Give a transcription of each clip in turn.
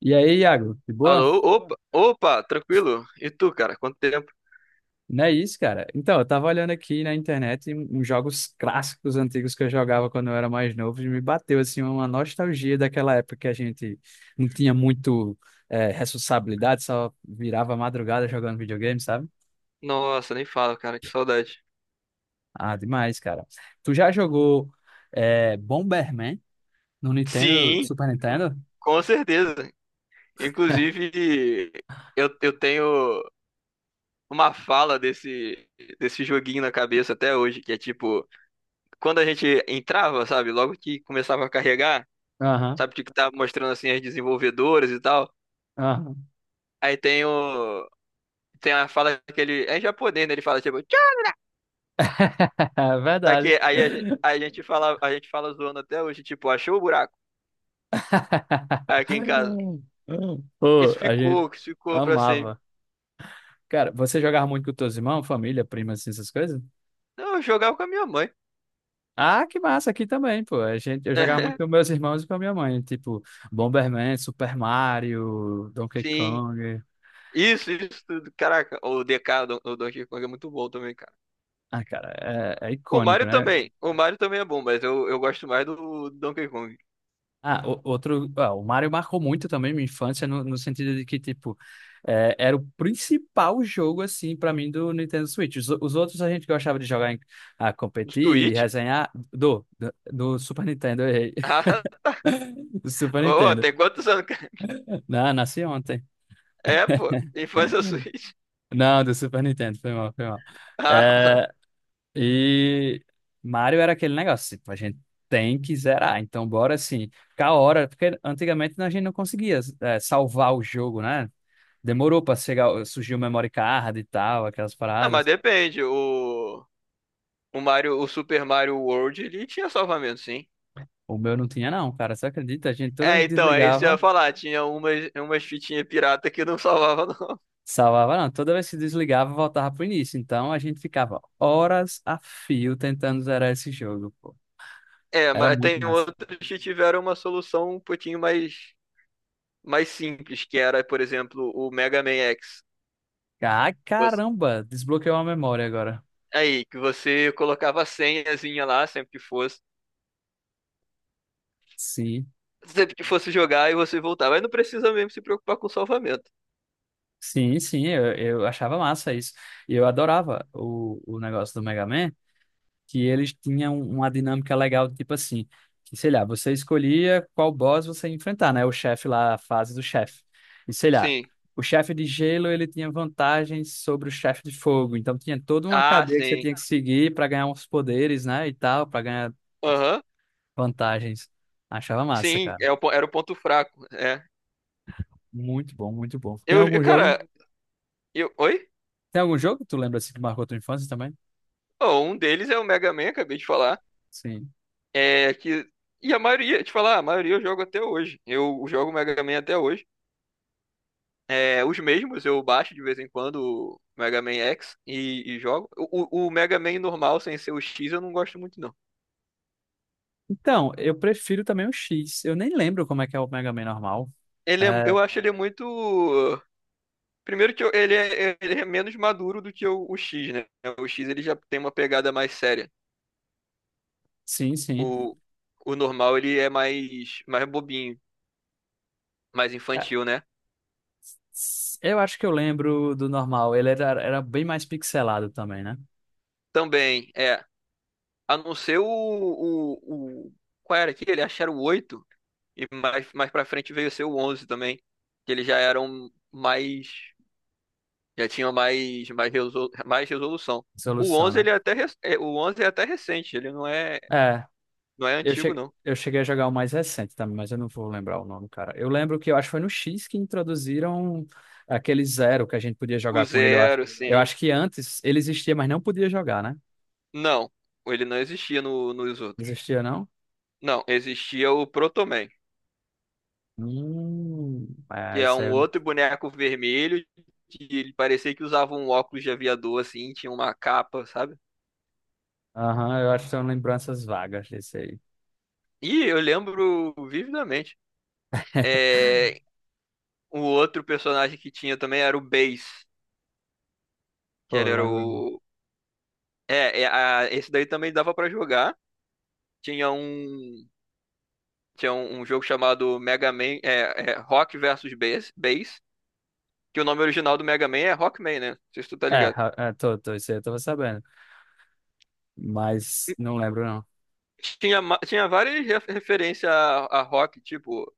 E aí, Iago, de Alô, boa? opa, opa, tranquilo? E tu, cara? Quanto tempo? Não é isso, cara? Então, eu tava olhando aqui na internet uns jogos clássicos antigos que eu jogava quando eu era mais novo e me bateu, assim, uma nostalgia daquela época que a gente não tinha muito responsabilidade, só virava madrugada jogando videogame, sabe? Nossa, nem fala, cara, que saudade. Ah, demais, cara. Tu já jogou Bomberman no Nintendo, Sim, Super Nintendo? com certeza. Inclusive, eu tenho uma fala desse joguinho na cabeça até hoje, que é tipo, quando a gente entrava, sabe, logo que começava a carregar, Aham, sabe, tipo, que tava mostrando assim as desenvolvedoras e tal. aham. Aí tem o. Tem a fala que ele. É em japonês, né? Ele fala, tipo, "Tchau". É Só verdade. que aí a gente fala zoando até hoje, tipo, achou o buraco? Aqui em casa. Pô, Isso a gente ficou, que ficou pra sempre. amava. Cara, você jogava muito com teus irmãos, família, primas, assim, essas coisas? Não, eu jogava com a minha mãe. Ah, que massa, aqui também, pô. A gente, eu jogava muito com meus irmãos e com a minha mãe, tipo Bomberman, Super Mario, Donkey Sim. Kong. Isso tudo. Caraca, o DK, o do Donkey Kong é muito bom também, cara. Ah, cara, é, é O icônico, Mario né? também. O Mario também é bom, mas eu gosto mais do Donkey Kong. Ah, outro. Ah, o Mario marcou muito também minha infância, no sentido de que, tipo, é, era o principal jogo, assim, pra mim do Nintendo Switch. Os outros a gente gostava de jogar, em, ah, Dos competir, Switch? resenhar. Do Super Nintendo, eu errei. Do Super Ah, ô, Nintendo. tem quantos anos? Não, nasci ontem. É, pô. Infância Switch. Não, do Super Nintendo, foi mal, foi mal. Ah, pá. É, e Mario era aquele negócio, tipo, a gente tem que zerar, então bora assim, ficar a hora, porque antigamente a gente não conseguia salvar o jogo, né? Demorou pra chegar, surgiu o memory card e tal, aquelas Não, mas paradas. depende. O Mario, o Super Mario World, ele tinha salvamento, sim. O meu não tinha não, cara, você acredita? A gente toda vez É, que então, é isso que eu ia desligava, falar. Tinha umas fitinhas pirata que não salvava, não. salvava não, toda vez que desligava voltava pro início, então a gente ficava horas a fio tentando zerar esse jogo, pô. É, Era mas muito tem massa. outros que tiveram uma solução um pouquinho mais, mais simples, que era, por exemplo, o Mega Man X. Ah, que você- caramba, desbloqueou a memória agora. Aí, que você colocava a senhazinha lá, Sim, sempre que fosse jogar e você voltava. Aí não precisa mesmo se preocupar com o salvamento. sim, sim, eu achava massa isso. E eu adorava o negócio do Mega Man, que eles tinham um, uma dinâmica legal, tipo assim, que, sei lá, você escolhia qual boss você ia enfrentar, né? O chefe lá, a fase do chefe. E sei lá, Sim. o chefe de gelo, ele tinha vantagens sobre o chefe de fogo, então tinha toda uma Ah, cadeia que você sim. tinha que seguir para ganhar uns poderes, né, e tal, para ganhar Aham. vantagens. Achava massa, Sim, cara. é o era o ponto fraco. É. Muito bom, muito bom. Tem algum jogo? cara, eu. Oi? Tem algum jogo que tu lembra assim que marcou tua infância também? Oh, um deles é o Mega Man, acabei de falar. Sim. É que. E a maioria, te falar, a maioria eu jogo até hoje. Eu jogo Mega Man até hoje. É, os mesmos, eu baixo de vez em quando o Mega Man X e jogo. O o Mega Man normal, sem ser o X, eu não gosto muito, não. Então, eu prefiro também o X. Eu nem lembro como é que é o Mega Man normal. Ele é, É, eu acho ele muito. Primeiro que ele é menos maduro do que o X, né? O X ele já tem uma pegada mais séria. sim, sim. O, o normal ele é mais, mais bobinho, mais Ca- infantil, né? Eu acho que eu lembro do normal. Ele era, era bem mais pixelado também, né? Também, é. A não ser o- qual era aquele? Acho que era o oito. E mais, mais pra frente veio a ser o 11 também. Que eles já eram mais. Já tinha mais, mais, mais resolução. O Solução, 11 né? ele é até, é, o 11 é até recente, ele não é, É, não é antigo, não. eu cheguei a jogar o mais recente também, mas eu não vou lembrar o nome, cara. Eu lembro que eu acho que foi no X que introduziram aquele zero que a gente podia O jogar com ele, eu acho. Zero, Eu sim. acho que antes ele existia, mas não podia jogar, né? Não, ele não existia nos outros. Existia, não? Não, existia o Protoman, Hum, que é, é isso aí. um outro boneco vermelho, que ele parecia que usava um óculos de aviador, assim, tinha uma capa, sabe? Aham, eu acho que são lembranças vagas desse aí. E eu lembro vividamente. É, o outro personagem que tinha também era o Bass, que Pô, ele era lembro. o... É, é, esse daí também dava pra jogar, tinha um tinha um, um jogo chamado Mega Man é, é, Rock versus Bass, que o nome original do Mega Man é Rockman, né? Não sei se tu tá ligado. É, tô, isso aí eu tava sabendo. Mas E não lembro, não. tinha, tinha várias referências a rock, tipo,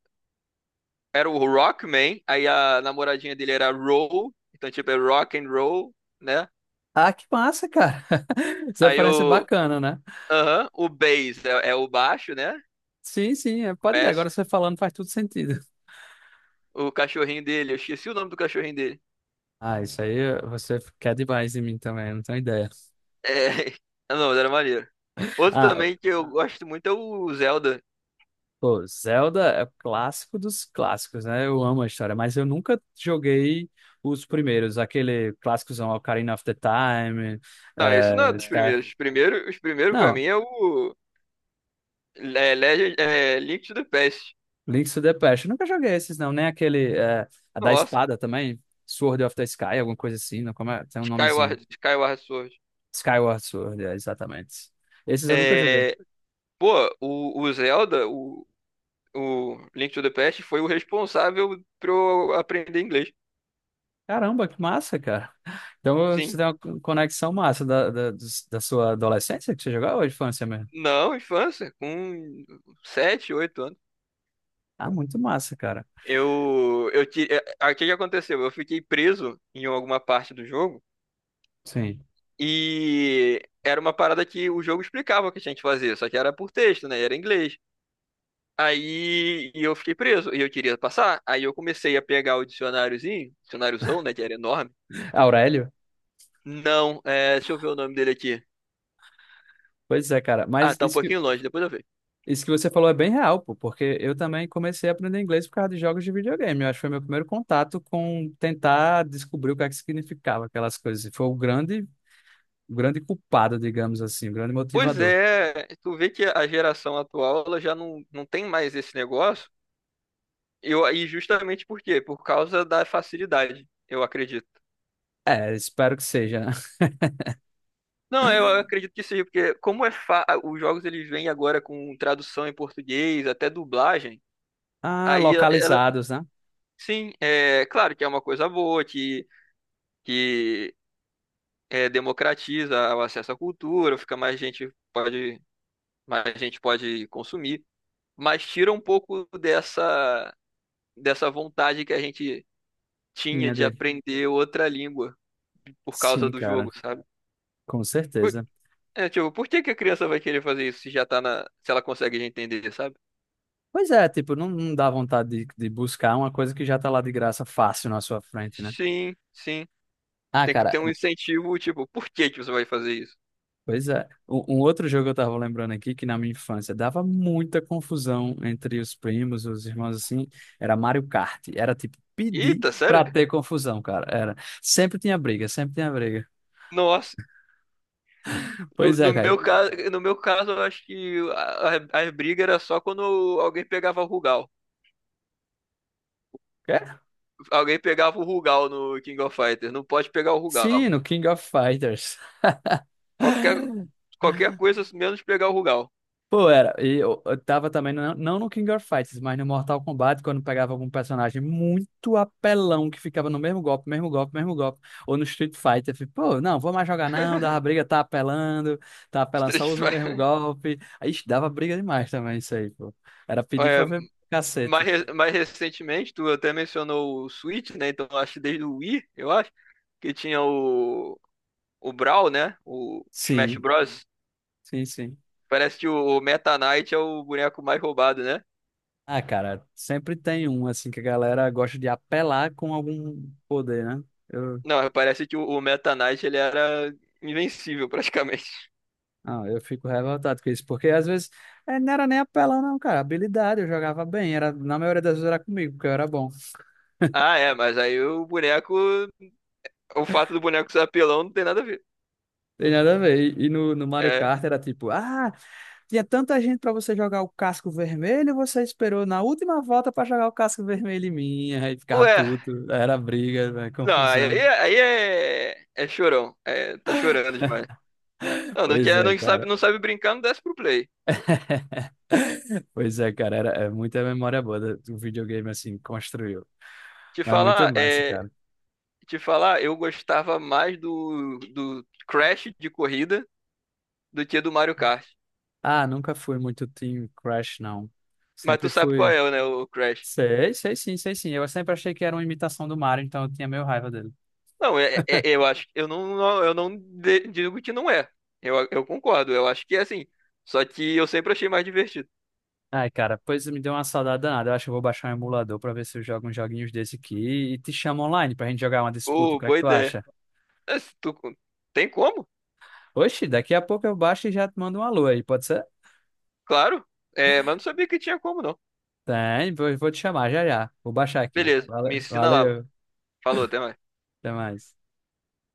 era o Rockman, aí a namoradinha dele era Roll, então tipo é Rock and Roll, né? Ah, que massa, cara. Essa Aí referência é o bacana, né? aham, o Bass é, é o baixo, né? Sim, sim, é, pode ir. Bass, Agora você falando faz tudo sentido. o cachorrinho dele, eu esqueci o nome do cachorrinho dele. Ah, isso aí você quer demais em mim também, não tenho ideia. É, ah, não, mas era maneiro. Outro Ah, também que eu gosto muito é o Zelda. pô, Zelda é o clássico dos clássicos, né? Eu amo a história, mas eu nunca joguei os primeiros, aquele clássicozão Ocarina of the Time, Não, isso não é dos Sky. primeiros. Os primeiros pra mim Não, é o é, Legend, é, Link to the Past. Links to the Past. Eu nunca joguei esses, não. Nem aquele. É, a da Nossa, espada também. Sword of the Sky, alguma coisa assim. Não, como é? Tem um nomezinho. Skyward Sword. Skyward Sword, é, exatamente. Esses eu nunca joguei. É, pô, o Zelda, o Link to the Past foi o responsável pra eu aprender inglês. Caramba, que massa, cara. Então Sim. você tem uma conexão massa da sua adolescência que você jogava ou infância mesmo? Não, infância, com sete oito anos. Ah, muito massa, cara. É, aí o que que aconteceu? Eu fiquei preso em alguma parte do jogo Sim. e era uma parada que o jogo explicava o que a gente fazia, só que era por texto, né? Era em inglês. Aí e eu fiquei preso e eu queria passar. Aí eu comecei a pegar o dicionáriozão, né, que era enorme. Aurélio? Não, é, deixa eu ver o nome dele aqui. Pois é, cara. Ah, tá um pouquinho longe, depois eu vejo. Isso que você falou é bem real, pô, porque eu também comecei a aprender inglês por causa de jogos de videogame. Eu acho que foi meu primeiro contato com tentar descobrir o que é que significava aquelas coisas. E foi o grande culpado, digamos assim, o grande Pois motivador. é, tu vê que a geração atual ela já não tem mais esse negócio. Eu, e justamente por quê? Por causa da facilidade, eu acredito. É, espero que seja, né? Não, eu acredito que seja, porque como é fa... os jogos eles vêm agora com tradução em português, até dublagem, Ah, aí ela, ela- localizados, né? sim, é claro que é uma coisa boa, que é, democratiza o acesso à cultura, fica mais gente pode consumir, mas tira um pouco dessa vontade que a gente tinha Tinha de dele. aprender outra língua por causa Sim, do jogo, cara, sabe? com Por- certeza. É, tipo, por que que a criança vai querer fazer isso se já tá se ela consegue já entender, sabe? Pois é, tipo, não, não dá vontade de buscar uma coisa que já tá lá de graça fácil na sua frente, né? Sim, sim. Ah, Tem que cara, ter um incentivo, tipo, por que que você vai fazer isso? pois é. Um outro jogo que eu tava lembrando aqui, que na minha infância dava muita confusão entre os primos, os irmãos assim, era Mario Kart. Era tipo pedir Eita, sério? pra ter confusão, cara. Era. Sempre tinha briga, sempre tinha briga. Nossa. Pois No é, cara. meu caso, no meu caso, eu acho que as brigas era só quando alguém pegava o Rugal. É? Alguém pegava o Rugal no King of Fighters. Não pode pegar o Sim, Rugal. no King of Fighters. Qualquer, qualquer coisa menos pegar o Rugal. Pô, era. E eu tava também, não, não no King of Fighters, mas no Mortal Kombat, quando pegava algum personagem muito apelão que ficava no mesmo golpe, mesmo golpe, mesmo golpe. Ou no Street Fighter, eu fico, pô, não, vou mais jogar não, dava briga, tá apelando, Street só usa o mesmo Fighter. golpe. Aí ixi, dava briga demais também isso aí, pô. Era pedir É, pra ver mais, cacete. Mais recentemente, tu até mencionou o Switch, né? Então acho que desde o Wii, eu acho, que tinha o Brawl, né? O Smash Sim, Bros. sim, sim. Parece que o Meta Knight é o boneco mais roubado, né? Ah, cara, sempre tem um, assim, que a galera gosta de apelar com algum poder, né? Eu Não, parece que o Meta Knight ele era invencível praticamente. Não, eu fico revoltado com isso, porque às vezes não era nem apelão, não, cara. Habilidade, eu jogava bem, era, na maioria das vezes era comigo, porque eu era bom. Ah, é, mas aí o boneco. O fato do boneco ser apelão não tem nada a ver. Tem nada a ver. E no Mario É. Kart era tipo, ah, tinha tanta gente pra você jogar o casco vermelho, você esperou na última volta pra jogar o casco vermelho em mim, aí ficava Ué, puto, era briga, velho, não, aí, confusão. aí é. É chorão. É, tá chorando demais. Não, não Pois quer, é, não sabe, cara. não sabe brincar, não desce pro play. Pois é, cara, era, é muita memória boa do do videogame assim, construiu. Te Mas muito falar, massa, é. cara. Te falar, eu gostava mais do Crash de corrida do que do Mario Kart. Ah, nunca fui muito Team Crash, não. Mas tu Sempre sabe qual fui. é, né, o Crash. Sei, sei sim, sei sim. Eu sempre achei que era uma imitação do Mario, então eu tinha meio raiva dele. Não, é, eu acho, eu não digo que não é. Eu concordo, eu acho que é assim. Só que eu sempre achei mais divertido. Ai, cara, pois me deu uma saudade danada. Eu acho que eu vou baixar um emulador pra ver se eu jogo uns joguinhos desse aqui e te chamo online pra gente jogar uma disputa. O Pô, que é que boa tu ideia. acha? É, se tu- tem como? Oxi, daqui a pouco eu baixo e já te mando um alô aí, pode ser? Claro. É, mas não sabia que tinha como, não. Tem, vou te chamar já já. Vou baixar aqui. Beleza, me ensina lá. Valeu, Falou, até mais. até mais.